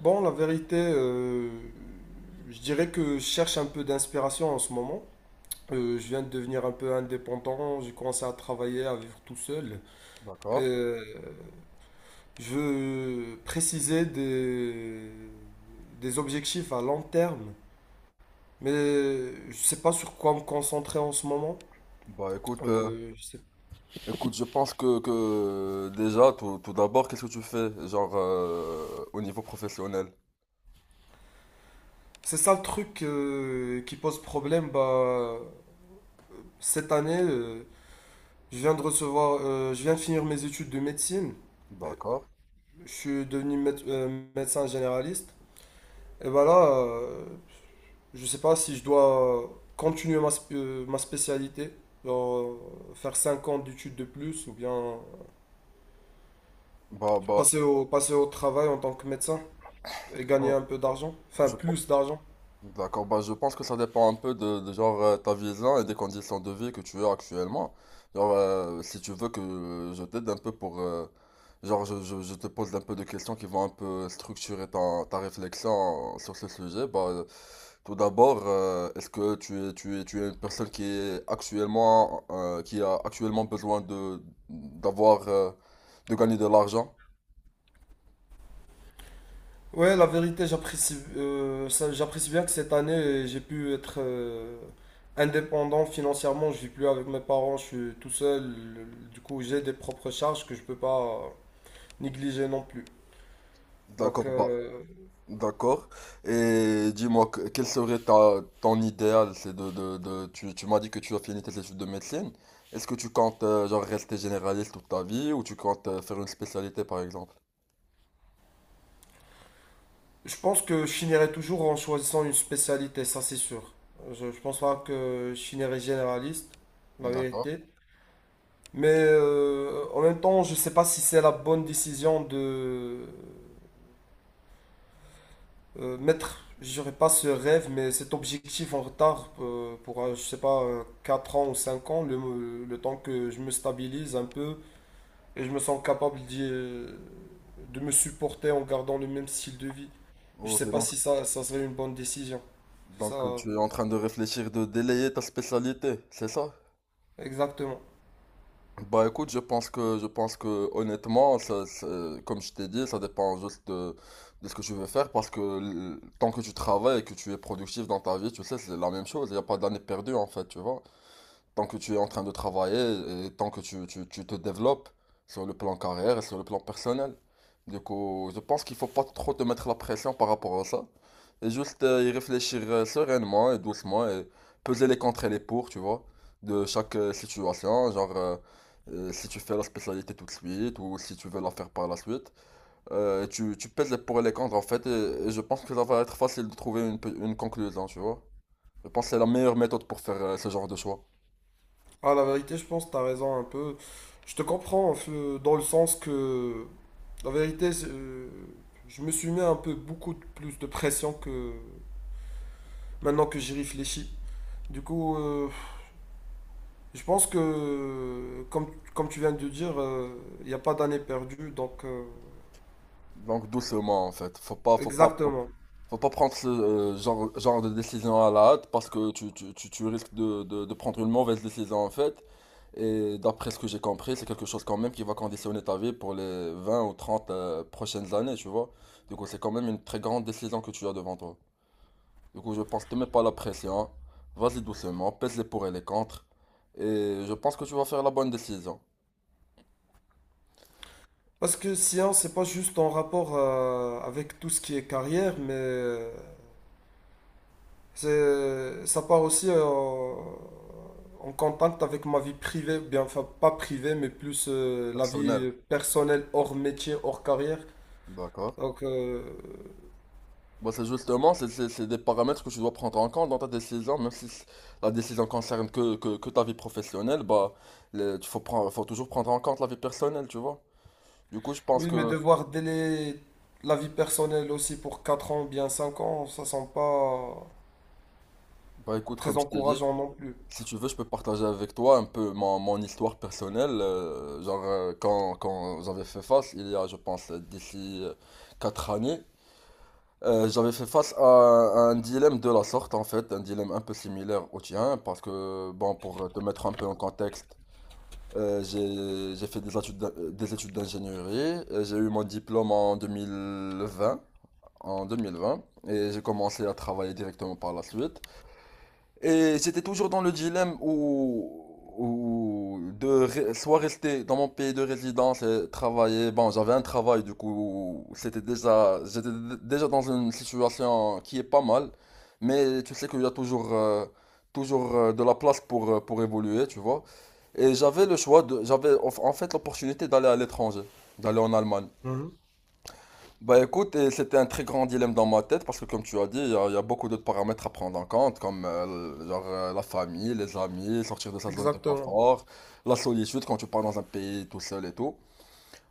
Bon, la vérité, je dirais que je cherche un peu d'inspiration en ce moment. Je viens de devenir un peu indépendant, j'ai commencé à travailler, à vivre tout seul. D'accord. Euh, je veux préciser des objectifs à long terme, mais je ne sais pas sur quoi me concentrer en ce moment. Bah écoute, Euh, je sais- écoute, je pense que déjà, tout d'abord, qu'est-ce que tu fais, genre au niveau professionnel? C'est ça le truc qui pose problème. Cette année, je viens de finir mes études de médecine. D'accord. Je suis devenu médecin généraliste. Et là, je sais pas si je dois continuer ma spécialité, genre, faire 5 ans d'études de plus, ou bien Bah bah, passer au travail en tant que médecin et gagner bah, un peu d'argent, enfin je, plus d'argent. D'accord, bah je pense que ça dépend un peu de genre ta vision et des conditions de vie que tu as actuellement. Genre, si tu veux que je t'aide un peu pour... genre, je te pose un peu de questions qui vont un peu structurer ta, ta réflexion sur ce sujet. Bah, tout d'abord, est-ce que tu es une personne qui est actuellement, qui a actuellement besoin de, d'avoir, de gagner de l'argent? Ouais, la vérité, j'apprécie bien que cette année, j'ai pu être indépendant financièrement. Je vis plus avec mes parents, je suis tout seul. Du coup, j'ai des propres charges que je peux pas négliger non plus. Donc, D'accord, bah... D'accord. Et dis-moi, quel serait ta, ton idéal? C'est tu, tu m'as dit que tu as fini tes études de médecine. Est-ce que tu comptes genre rester généraliste toute ta vie ou tu comptes faire une spécialité par exemple? je pense que je finirai toujours en choisissant une spécialité, ça c'est sûr. Je pense pas que je finirai généraliste, la D'accord. vérité. Mais en même temps, je sais pas si c'est la bonne décision de mettre, je dirais pas ce rêve, mais cet objectif en retard pour, je sais pas, 4 ans ou 5 ans, le temps que je me stabilise un peu. Et je me sens capable de me supporter en gardant le même style de vie. Je Ok, sais pas si ça serait une bonne décision. C'est ça, donc tu es en train de réfléchir de délayer ta spécialité, c'est ça? exactement. Bah écoute, je pense que honnêtement, comme je t'ai dit, ça dépend juste de ce que tu veux faire parce que tant que tu travailles et que tu es productif dans ta vie, tu sais, c'est la même chose, il n'y a pas d'année perdue en fait, tu vois. Tant que tu es en train de travailler et tant que tu te développes sur le plan carrière et sur le plan personnel. Du coup, je pense qu'il faut pas trop te mettre la pression par rapport à ça. Et juste y réfléchir sereinement et doucement et peser les contre et les pour, tu vois, de chaque situation. Genre, si tu fais la spécialité tout de suite ou si tu veux la faire par la suite. Tu pèses les pour et les contre en fait. Et je pense que ça va être facile de trouver une conclusion, tu vois. Je pense que c'est la meilleure méthode pour faire ce genre de choix. Ah, la vérité, je pense que t'as raison un peu. Je te comprends dans le sens que, la vérité, je me suis mis un peu plus de pression que maintenant que j'y réfléchis. Du coup, je pense que, comme tu viens de dire, il n'y a pas d'année perdue. Donc, Donc doucement en fait, exactement. faut pas prendre ce genre de décision à la hâte parce que tu risques de prendre une mauvaise décision en fait. Et d'après ce que j'ai compris, c'est quelque chose quand même qui va conditionner ta vie pour les 20 ou 30 prochaines années, tu vois. Du coup, c'est quand même une très grande décision que tu as devant toi. Du coup, je pense que te mets pas la pression, vas-y doucement, pèse les pour et les contre, et je pense que tu vas faire la bonne décision. Parce que science, c'est pas juste en rapport avec tout ce qui est carrière, mais ça part aussi en contact avec ma vie privée, bien, enfin pas privée, mais plus la Personnel. vie personnelle hors métier, hors carrière. D'accord. Donc Bah, c'est justement, c'est des paramètres que tu dois prendre en compte dans ta décision, même si la décision concerne que ta vie professionnelle, bah, faut toujours prendre en compte la vie personnelle, tu vois. Du coup, oui, mais devoir délai la vie personnelle aussi pour 4 ans, bien 5 ans, ça sent pas bah, écoute, très comme je t'ai dit, encourageant non plus. si tu veux, je peux partager avec toi un peu mon, mon histoire personnelle. Genre, quand j'avais fait face, il y a, je pense, d'ici 4 années, j'avais fait face à un dilemme de la sorte, en fait, un dilemme un peu similaire au tien, parce que, bon, pour te mettre un peu en contexte, j'ai fait des des études d'ingénierie. J'ai eu mon diplôme en 2020 en 2020 et j'ai commencé à travailler directement par la suite. Et j'étais toujours dans le où de soit rester dans mon pays de résidence et travailler. Bon, j'avais un travail du coup, c'était déjà, déjà dans une situation qui est pas mal. Mais tu sais qu'il y a toujours, de la place pour évoluer, tu vois. Et j'avais le j'avais en fait l'opportunité d'aller à l'étranger, d'aller en Allemagne. Mhm. Bah écoute, et c'était un très grand dilemme dans ma tête parce que comme tu as dit, il y a beaucoup d'autres paramètres à prendre en compte comme la famille, les amis, sortir de sa zone de Exactement. confort, la solitude quand tu pars dans un pays tout seul et tout.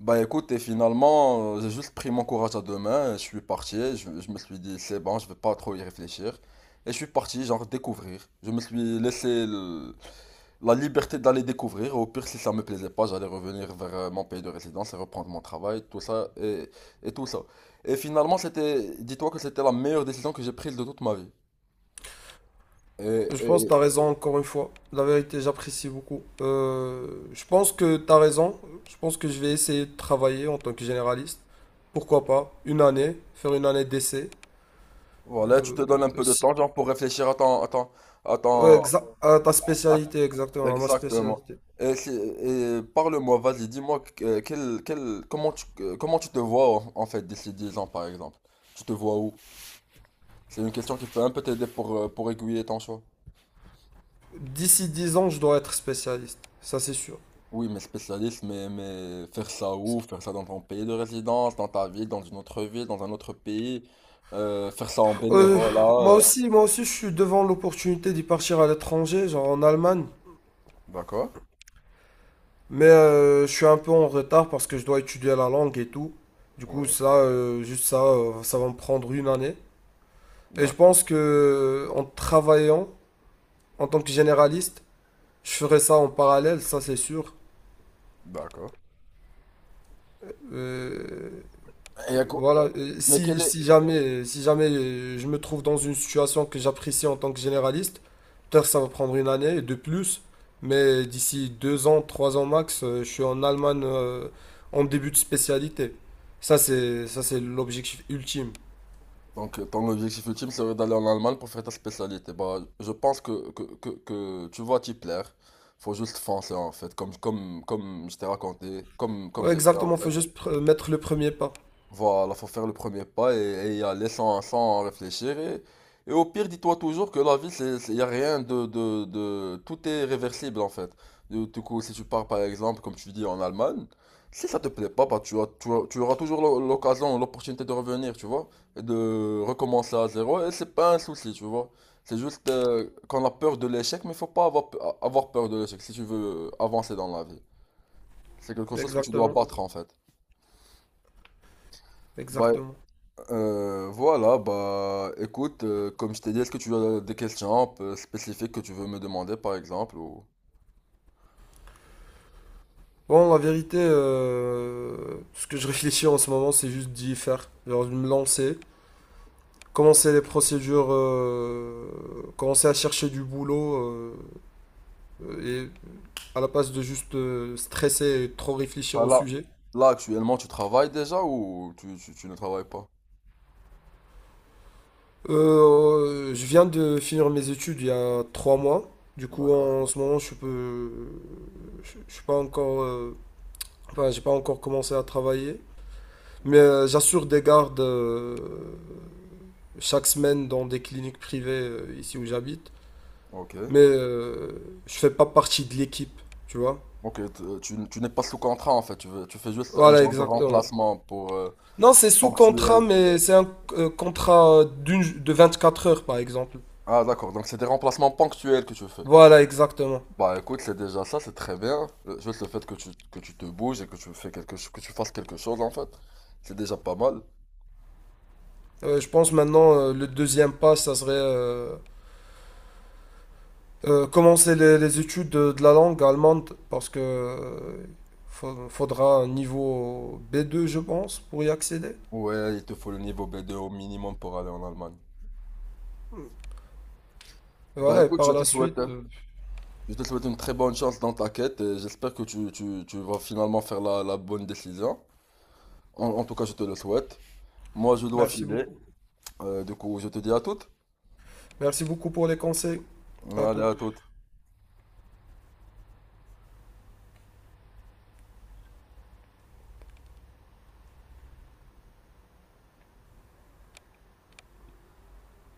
Bah écoute, et finalement, j'ai juste pris mon courage à deux mains, et je suis parti, je me suis dit c'est bon, je vais pas trop y réfléchir. Et je suis parti genre découvrir. Je me suis laissé la liberté d'aller découvrir. Au pire, si ça me plaisait pas, j'allais revenir vers mon pays de résidence et reprendre mon travail, et tout ça. Et finalement, dis-toi que c'était la meilleure décision que j'ai prise de toute ma vie. Et, Je pense que et- tu as raison encore une fois. La vérité, j'apprécie beaucoup. Je pense que tu as raison. Je pense que je vais essayer de travailler en tant que généraliste. Pourquoi pas? Une année, faire une année d'essai. voilà, tu te Euh, donnes un peu de si- temps, genre, pour réfléchir à ton, à ouais, ton- à ta à- spécialité, exactement, à ma exactement. spécialité. Et, si- et parle-moi, vas-y, dis-moi que- quel, quel- comment tu te vois en, en fait d'ici 10 ans, par exemple. Tu te vois où? C'est une question qui peut un peu t'aider pour aiguiller ton choix. D'ici 10 ans, je dois être spécialiste. Ça, c'est sûr. Oui, mais spécialiste, mais faire ça où? Faire ça dans ton pays de résidence, dans ta ville, dans une autre ville, dans un autre pays, faire ça en Euh, bénévolat. Euh. Moi aussi, je suis devant l'opportunité d'y partir à l'étranger, genre en Allemagne. D'accord, Mais je suis un peu en retard parce que je dois étudier la langue et tout. Du coup, ouais, juste ça va me prendre une année. Et je d'accord, pense que en travaillant en tant que généraliste, je ferai ça en parallèle, ça c'est sûr. d'accord. Euh, Et à quoi- Voilà, Mais quel est... si jamais, si jamais je me trouve dans une situation que j'apprécie en tant que généraliste, peut-être ça va prendre une année de plus, mais d'ici 2 ans, 3 ans max, je suis en Allemagne en début de spécialité. Ça, c'est l'objectif ultime. Donc, ton objectif ultime serait d'aller en Allemagne pour faire ta spécialité. Bah, je pense que tu vas t'y plaire. Faut juste foncer, en fait, comme je t'ai raconté, comme Ouais, j'ai fait, en exactement, faut fait. juste mettre le premier pas. Voilà, faut faire le premier pas et, et y aller sans réfléchir. Et au pire, dis-toi toujours que la vie, y a rien tout est réversible en fait. Du coup, si tu pars par exemple, comme tu dis, en Allemagne, si ça te plaît pas, bah, tu auras toujours l'occasion, l'opportunité de revenir, tu vois, et de recommencer à zéro. Et c'est pas un souci, tu vois. C'est juste qu'on a peur de l'échec, mais faut pas avoir, avoir peur de l'échec si tu veux avancer dans la vie. C'est quelque chose que tu dois Exactement, battre en fait. Bah, exactement. Voilà, bah écoute, comme je t'ai dit, est-ce que tu as des questions un peu spécifiques que tu veux me demander par exemple ou... Bon, la vérité, ce que je réfléchis en ce moment, c'est juste d'y faire, genre de me lancer. Commencer les procédures, commencer à chercher du boulot et à la place de juste stresser et trop réfléchir Bah au là, sujet. là actuellement tu travailles déjà ou tu ne travailles pas? Je viens de finir mes études il y a 3 mois. Du coup, D'accord. en ce moment, je suis pas encore, enfin, j'ai pas encore commencé à travailler. Mais j'assure des gardes chaque semaine dans des cliniques privées ici où j'habite. Ok. Mais je fais pas partie de l'équipe, tu vois. Ok, tu n'es pas sous contrat en fait, tu veux, tu fais juste un Voilà, genre de exactement. remplacement pour Non, c'est sous contrat, ponctuel. mais c'est un contrat de 4 heures, par exemple. Ah d'accord, donc c'est des remplacements ponctuels que tu fais. Voilà, exactement. Bah écoute, c'est déjà ça, c'est très bien. Juste le fait que que tu te bouges et que tu fais que tu fasses quelque chose en fait, c'est déjà pas mal. Je pense maintenant, le deuxième pas, ça serait commencer les études de la langue allemande, parce que faudra un niveau B2, je pense, pour y accéder. Ouais, il te faut le niveau B2 au minimum pour aller en Allemagne. Bah ouais, Voilà, et écoute, je par te la souhaite, suite, hein. Je te souhaite une très bonne chance dans ta quête et j'espère que tu vas finalement faire la, la bonne décision. En tout cas, je te le souhaite. Moi, je dois merci filer. beaucoup. Du coup, je te dis à toutes. Merci beaucoup pour les conseils. À Allez, tout. à toutes.